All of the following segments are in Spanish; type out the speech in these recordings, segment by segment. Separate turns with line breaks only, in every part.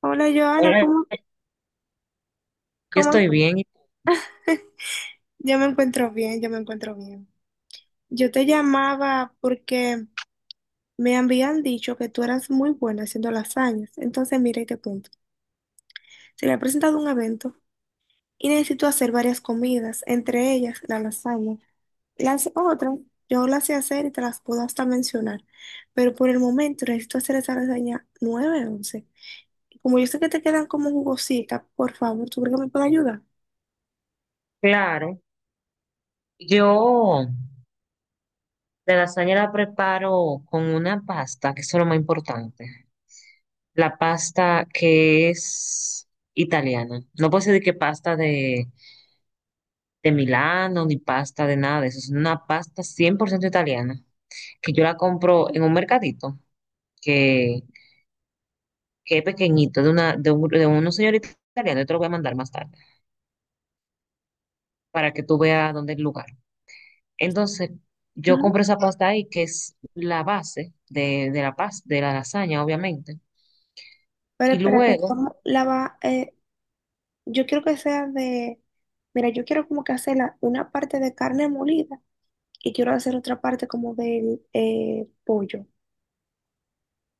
Hola Joana,
Hola,
¿cómo,
yo
cómo?
estoy bien, y
Yo me encuentro bien, yo me encuentro bien. Yo te llamaba porque me habían dicho que tú eras muy buena haciendo lasañas. Entonces, mira y te cuento. Se le ha presentado un evento y necesito hacer varias comidas, entre ellas la lasaña. Las otras, yo las sé hacer y te las puedo hasta mencionar, pero por el momento necesito hacer esa lasaña 9-11. Como yo sé que te quedan como jugositas, por favor, ¿tú crees que me puedes ayudar?
claro. Yo la lasaña la preparo con una pasta, que eso es lo más importante. La pasta que es italiana. No puedo decir que pasta de Milano ni pasta de nada de eso. Es una pasta 100% italiana, que yo la compro en un mercadito que, que es pequeñito, de, una, de, un, de unos señoritos italianos. Yo te lo voy a mandar más tarde para que tú veas dónde es el lugar. Entonces, yo compro
Ujú.
esa pasta ahí, que es la base de la pasta, de la lasaña, obviamente.
Pero
Y
espérate,
luego,
¿cómo la va? Yo quiero que sea de, mira, yo quiero como que hacer la una parte de carne molida y quiero hacer otra parte como del pollo.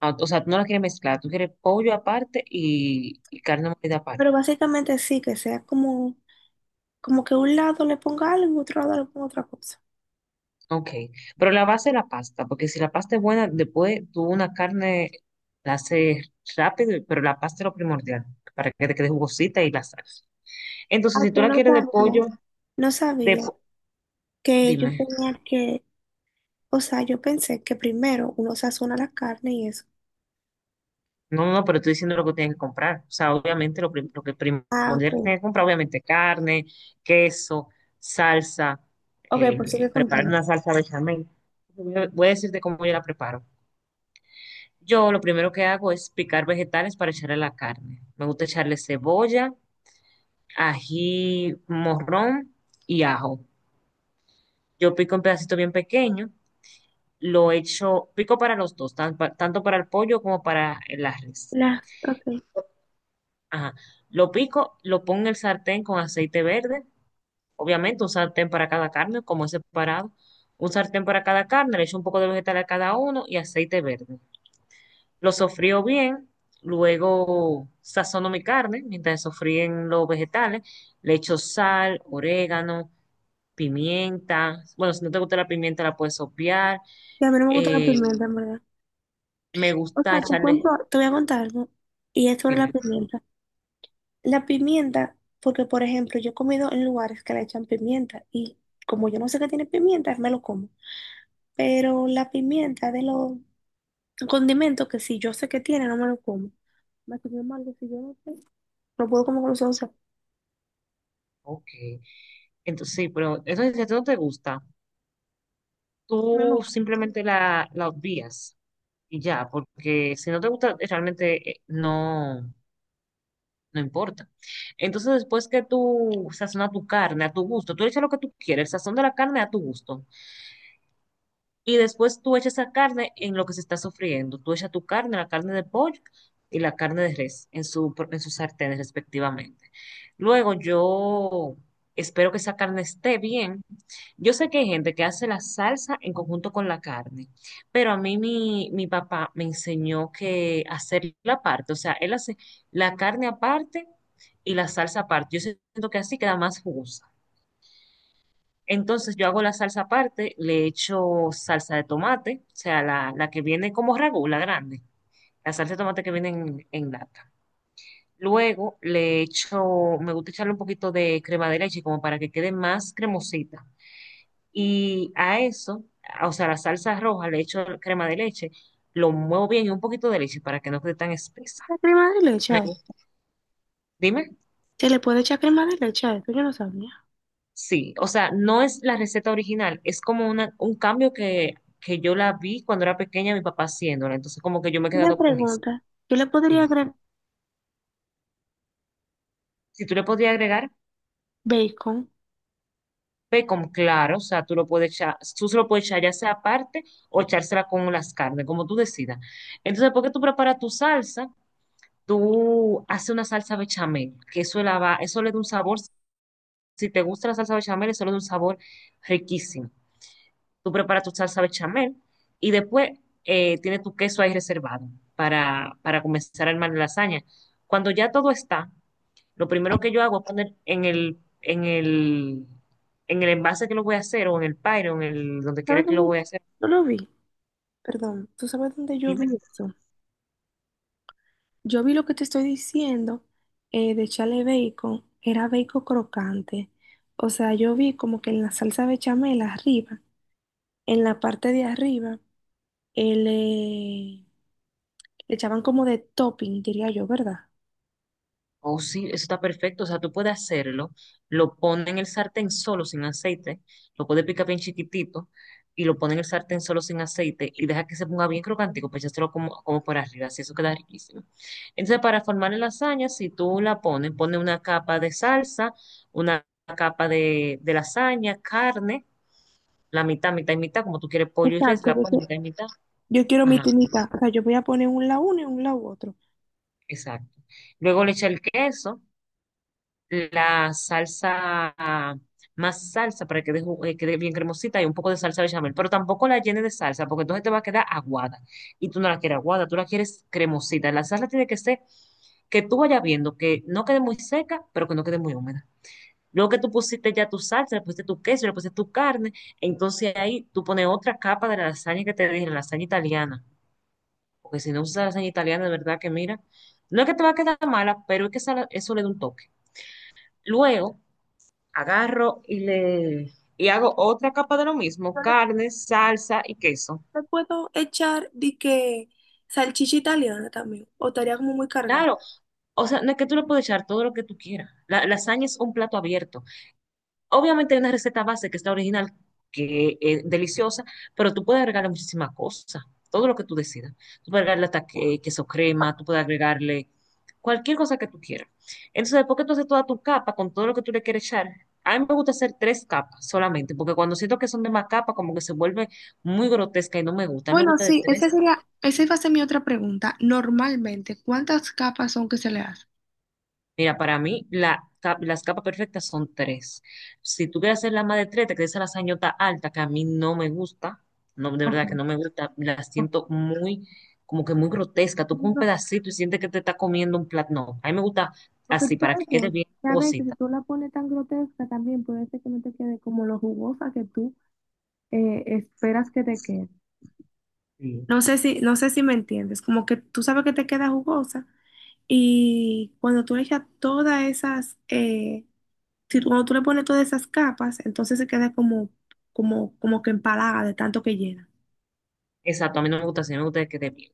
ah, o sea, tú no la quieres mezclar, tú quieres pollo aparte y carne molida
Pero
aparte.
básicamente sí, que sea como, como que un lado le ponga algo y otro lado le ponga otra cosa.
Ok, pero la base es la pasta, porque si la pasta es buena, después tú una carne la haces rápido, pero la pasta es lo primordial, para que te quede jugosita y la salsa.
¿A
Entonces, si
que
tú la
no
quieres de
sabía?
pollo,
No
de
sabía
po-
que yo
dime.
tenía que, o sea, yo pensé que primero uno sazona la carne y eso.
No, no, no, pero estoy diciendo lo que tienen que comprar. O sea, obviamente lo que
Ah,
primordial que
ok.
tienen que comprar, obviamente carne, queso, salsa,
Ok, pues sigue
preparar
contando.
una salsa bechamel. Voy a decirte cómo yo la preparo. Yo lo primero que hago es picar vegetales para echarle la carne. Me gusta echarle cebolla, ají morrón y ajo. Yo pico en pedacitos bien pequeños, lo echo, pico para los dos, tanto para el pollo como para la res.
La, ok. Y
Ajá. Lo pico, lo pongo en el sartén con aceite verde, obviamente un sartén para cada carne, como es separado. Un sartén para cada carne, le echo un poco de vegetal a cada uno y aceite verde. Lo sofrío bien, luego sazono mi carne, mientras sofríen los vegetales, le echo sal, orégano, pimienta. Bueno, si no te gusta la pimienta la puedes obviar.
a mí no me gusta la
Eh,
pimienta, en verdad.
Me
O
gusta
sea, te cuento,
echarle,
te voy a contar algo. Y es sobre la
dime,
pimienta. La pimienta, porque por ejemplo, yo he comido en lugares que le echan pimienta y como yo no sé que tiene pimienta, me lo como. Pero la pimienta de los condimentos que si yo sé que tiene, no me lo como. Me comió mal, que si yo no sé, no puedo comer con los ojos cerrados.
ok. Entonces, sí, pero eso es si a ti no te gusta.
Mi mamá,
Tú simplemente la obvias y ya, porque si no te gusta, realmente no, no importa. Entonces, después que tú sazonas tu carne a tu gusto, tú le echas lo que tú quieres, el sazón de la carne a tu gusto. Y después tú echas esa carne en lo que se está sofriendo. Tú echas tu carne, la carne de pollo y la carne de res en en sus sartenes respectivamente. Luego yo espero que esa carne esté bien. Yo sé que hay gente que hace la salsa en conjunto con la carne, pero a mí mi papá me enseñó que hacer la parte, o sea, él hace la carne aparte y la salsa aparte. Yo siento que así queda más jugosa. Entonces yo hago la salsa aparte, le echo salsa de tomate, o sea, la que viene como ragú, la grande, la salsa de tomate que viene en lata. Luego le echo, me gusta echarle un poquito de crema de leche como para que quede más cremosita. Y a eso, o sea, la salsa roja le echo crema de leche, lo muevo bien y un poquito de leche para que no quede tan espesa.
¿la crema de leche? ¿Ay?
Dime.
¿Se le puede echar crema de leche? A esto yo no sabía.
Sí, o sea, no es la receta original, es como una, un cambio que yo la vi cuando era pequeña, mi papá haciéndola, entonces como que yo me he
Una
quedado con eso.
pregunta, yo le podría
Dime.
agregar
Si tú le podías agregar
bacon.
bacon, claro, o sea, tú lo puedes echar, tú se lo puedes echar ya sea aparte o echársela con las carnes, como tú decidas. Entonces, ¿por qué tú preparas tu salsa? Tú haces una salsa bechamel, que eso, la va, eso le da un sabor, si te gusta la salsa bechamel, eso le da un sabor riquísimo. Tú preparas tu salsa bechamel y después tienes tu queso ahí reservado para comenzar a armar la lasaña. Cuando ya todo está, lo primero que yo hago es poner en el envase que lo voy a hacer o en el pyro, en el donde quiera
¿Sabes
que lo
dónde?
voy a hacer.
No lo vi. Perdón, ¿tú sabes dónde yo vi eso? Yo vi lo que te estoy diciendo de echarle bacon, era bacon crocante. O sea, yo vi como que en la salsa bechamel arriba, en la parte de arriba, eh, le, le echaban como de topping, diría yo, ¿verdad?
Oh, sí, eso está perfecto. O sea, tú puedes hacerlo, lo pones en el sartén solo sin aceite, lo puedes picar bien chiquitito y lo pones en el sartén solo sin aceite y deja que se ponga bien crocantico, pues echárselo como, como por arriba, así eso queda riquísimo. Entonces, para formar la lasaña, si tú la pones, pones una capa de salsa, una capa de lasaña, carne, la mitad, mitad y mitad, como tú quieres pollo y res,
Exacto,
la
yo,
pones mitad y mitad.
yo quiero mi
Ajá,
tinita. O sea, yo voy a poner un lado uno y un lado otro.
exacto. Luego le echa el queso la salsa, ah, más salsa para que quede bien cremosita y un poco de salsa bechamel, pero tampoco la llene de salsa porque entonces te va a quedar aguada y tú no la quieres aguada, tú la quieres cremosita. La salsa tiene que ser que tú vayas viendo que no quede muy seca, pero que no quede muy húmeda. Luego que tú pusiste ya tu salsa, le pusiste tu queso, le pusiste tu carne, entonces ahí tú pones otra capa de la lasaña que te dije, la lasaña italiana, porque si no usas lasaña italiana, de verdad que mira, no es que te va a quedar mala, pero es que eso le da un toque. Luego, agarro y hago otra capa de lo mismo,
Yo le,
carne, salsa y queso.
le puedo echar de que salchicha italiana también, o estaría como muy cargada.
Claro, o sea, no es que tú le puedes echar todo lo que tú quieras. La lasaña es un plato abierto. Obviamente hay una receta base que está original, que es deliciosa, pero tú puedes agregarle muchísimas cosas, todo lo que tú decidas. Tú puedes agregarle queso crema, tú puedes agregarle cualquier cosa que tú quieras. Entonces, después que tú haces toda tu capa con todo lo que tú le quieres echar, a mí me gusta hacer tres capas solamente, porque cuando siento que son de más capas, como que se vuelve muy grotesca y no me gusta. A mí me
Bueno,
gusta de
sí, esa
tres.
sería, esa iba a ser mi otra pregunta. Normalmente, ¿cuántas capas son que se le hace?
Mira, para mí las capas perfectas son tres. Si tú quieres hacer la más de tres, te quedas a la sañota alta, que a mí no me gusta, no, de
Ok,
verdad que no me gusta, la
ok.
siento muy, como que muy grotesca. Tú con un
No,
pedacito y sientes que te está comiendo un plato. No, a mí me gusta
porque tú
así, para
sabes
que quede bien
que a veces si
jugosita.
tú la pones tan grotesca también puede ser que no te quede como lo jugosa que tú esperas que te quede.
Sí.
No sé si, no sé si me entiendes, como que tú sabes que te queda jugosa y cuando tú le echas todas esas, si tú- cuando tú le pones todas esas capas, entonces se queda como, como, como que empalaga de tanto que llena.
Exacto, a mí no me gusta así, a mí me gusta que quede bien.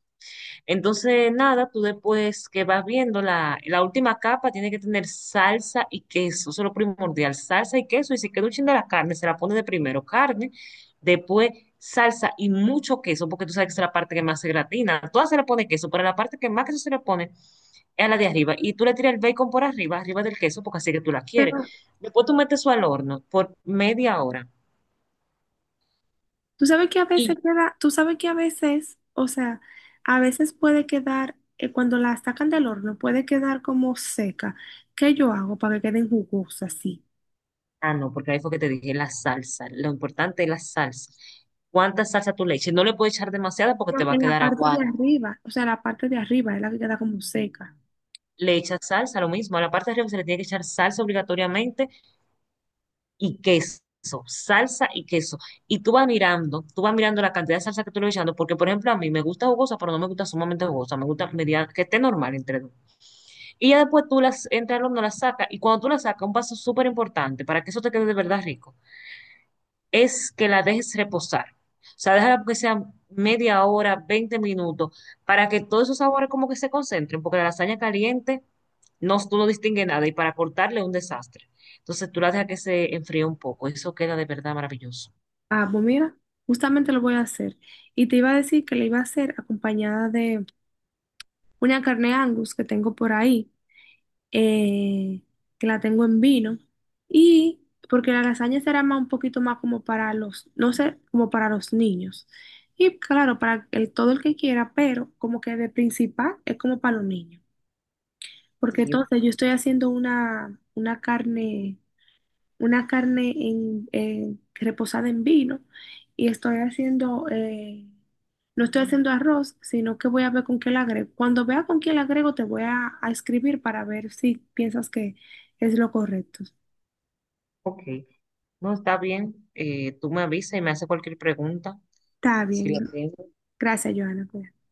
Entonces, nada, tú después que vas viendo, la última capa tiene que tener salsa y queso, eso es lo primordial, salsa y queso, y si queda un chin de la carne, se la pone de primero carne, después salsa y mucho queso, porque tú sabes que esa es la parte que más se gratina, a todas se le pone queso, pero la parte que más queso se le pone es a la de arriba, y tú le tiras el bacon por arriba, arriba del queso, porque así que tú la quieres. Después tú metes eso al horno por media hora.
Tú sabes que a veces queda, tú sabes que a veces, o sea, a veces puede quedar, cuando la sacan del horno, puede quedar como seca. ¿Qué yo hago para que queden jugosas así?
Ah, no, porque ahí fue que te dije la salsa. Lo importante es la salsa. ¿Cuánta salsa tú le eches? No le puedes echar demasiada porque te
Pero
va a
en la
quedar
parte de
aguada.
arriba, o sea, la parte de arriba es la que queda como seca.
Le echas salsa, lo mismo. A la parte de arriba se le tiene que echar salsa obligatoriamente y queso. Salsa y queso. Y tú vas mirando la cantidad de salsa que tú le vas echando, porque por ejemplo a mí me gusta jugosa, pero no me gusta sumamente jugosa. Me gusta media, que esté normal entre dos. Y ya después tú las entras al horno, las sacas. Y cuando tú las sacas, un paso súper importante para que eso te quede de verdad rico es que la dejes reposar. O sea, déjala que sea media hora, 20 minutos, para que todos esos sabores como que se concentren, porque la lasaña caliente no, tú no distingue nada y para cortarle es un desastre. Entonces tú la dejas que se enfríe un poco, eso queda de verdad maravilloso.
Ah, pues mira, justamente lo voy a hacer. Y te iba a decir que le iba a hacer acompañada de una carne Angus que tengo por ahí. eh, que la tengo en vino. Y porque la lasaña será más un poquito más como para los, no sé, como para los niños. Y claro, para el, todo el que quiera, pero como que de principal es como para los niños. Porque
Sí,
entonces yo estoy haciendo una carne reposada en vino y estoy haciendo, no estoy haciendo arroz, sino que voy a ver con qué la agrego. Cuando vea con qué la agrego, te voy a escribir para ver si piensas que es lo correcto.
ok, no está bien, tú me avisas y me haces cualquier pregunta,
Está
si
bien.
la tienes.
Gracias, Johanna. Cuídate.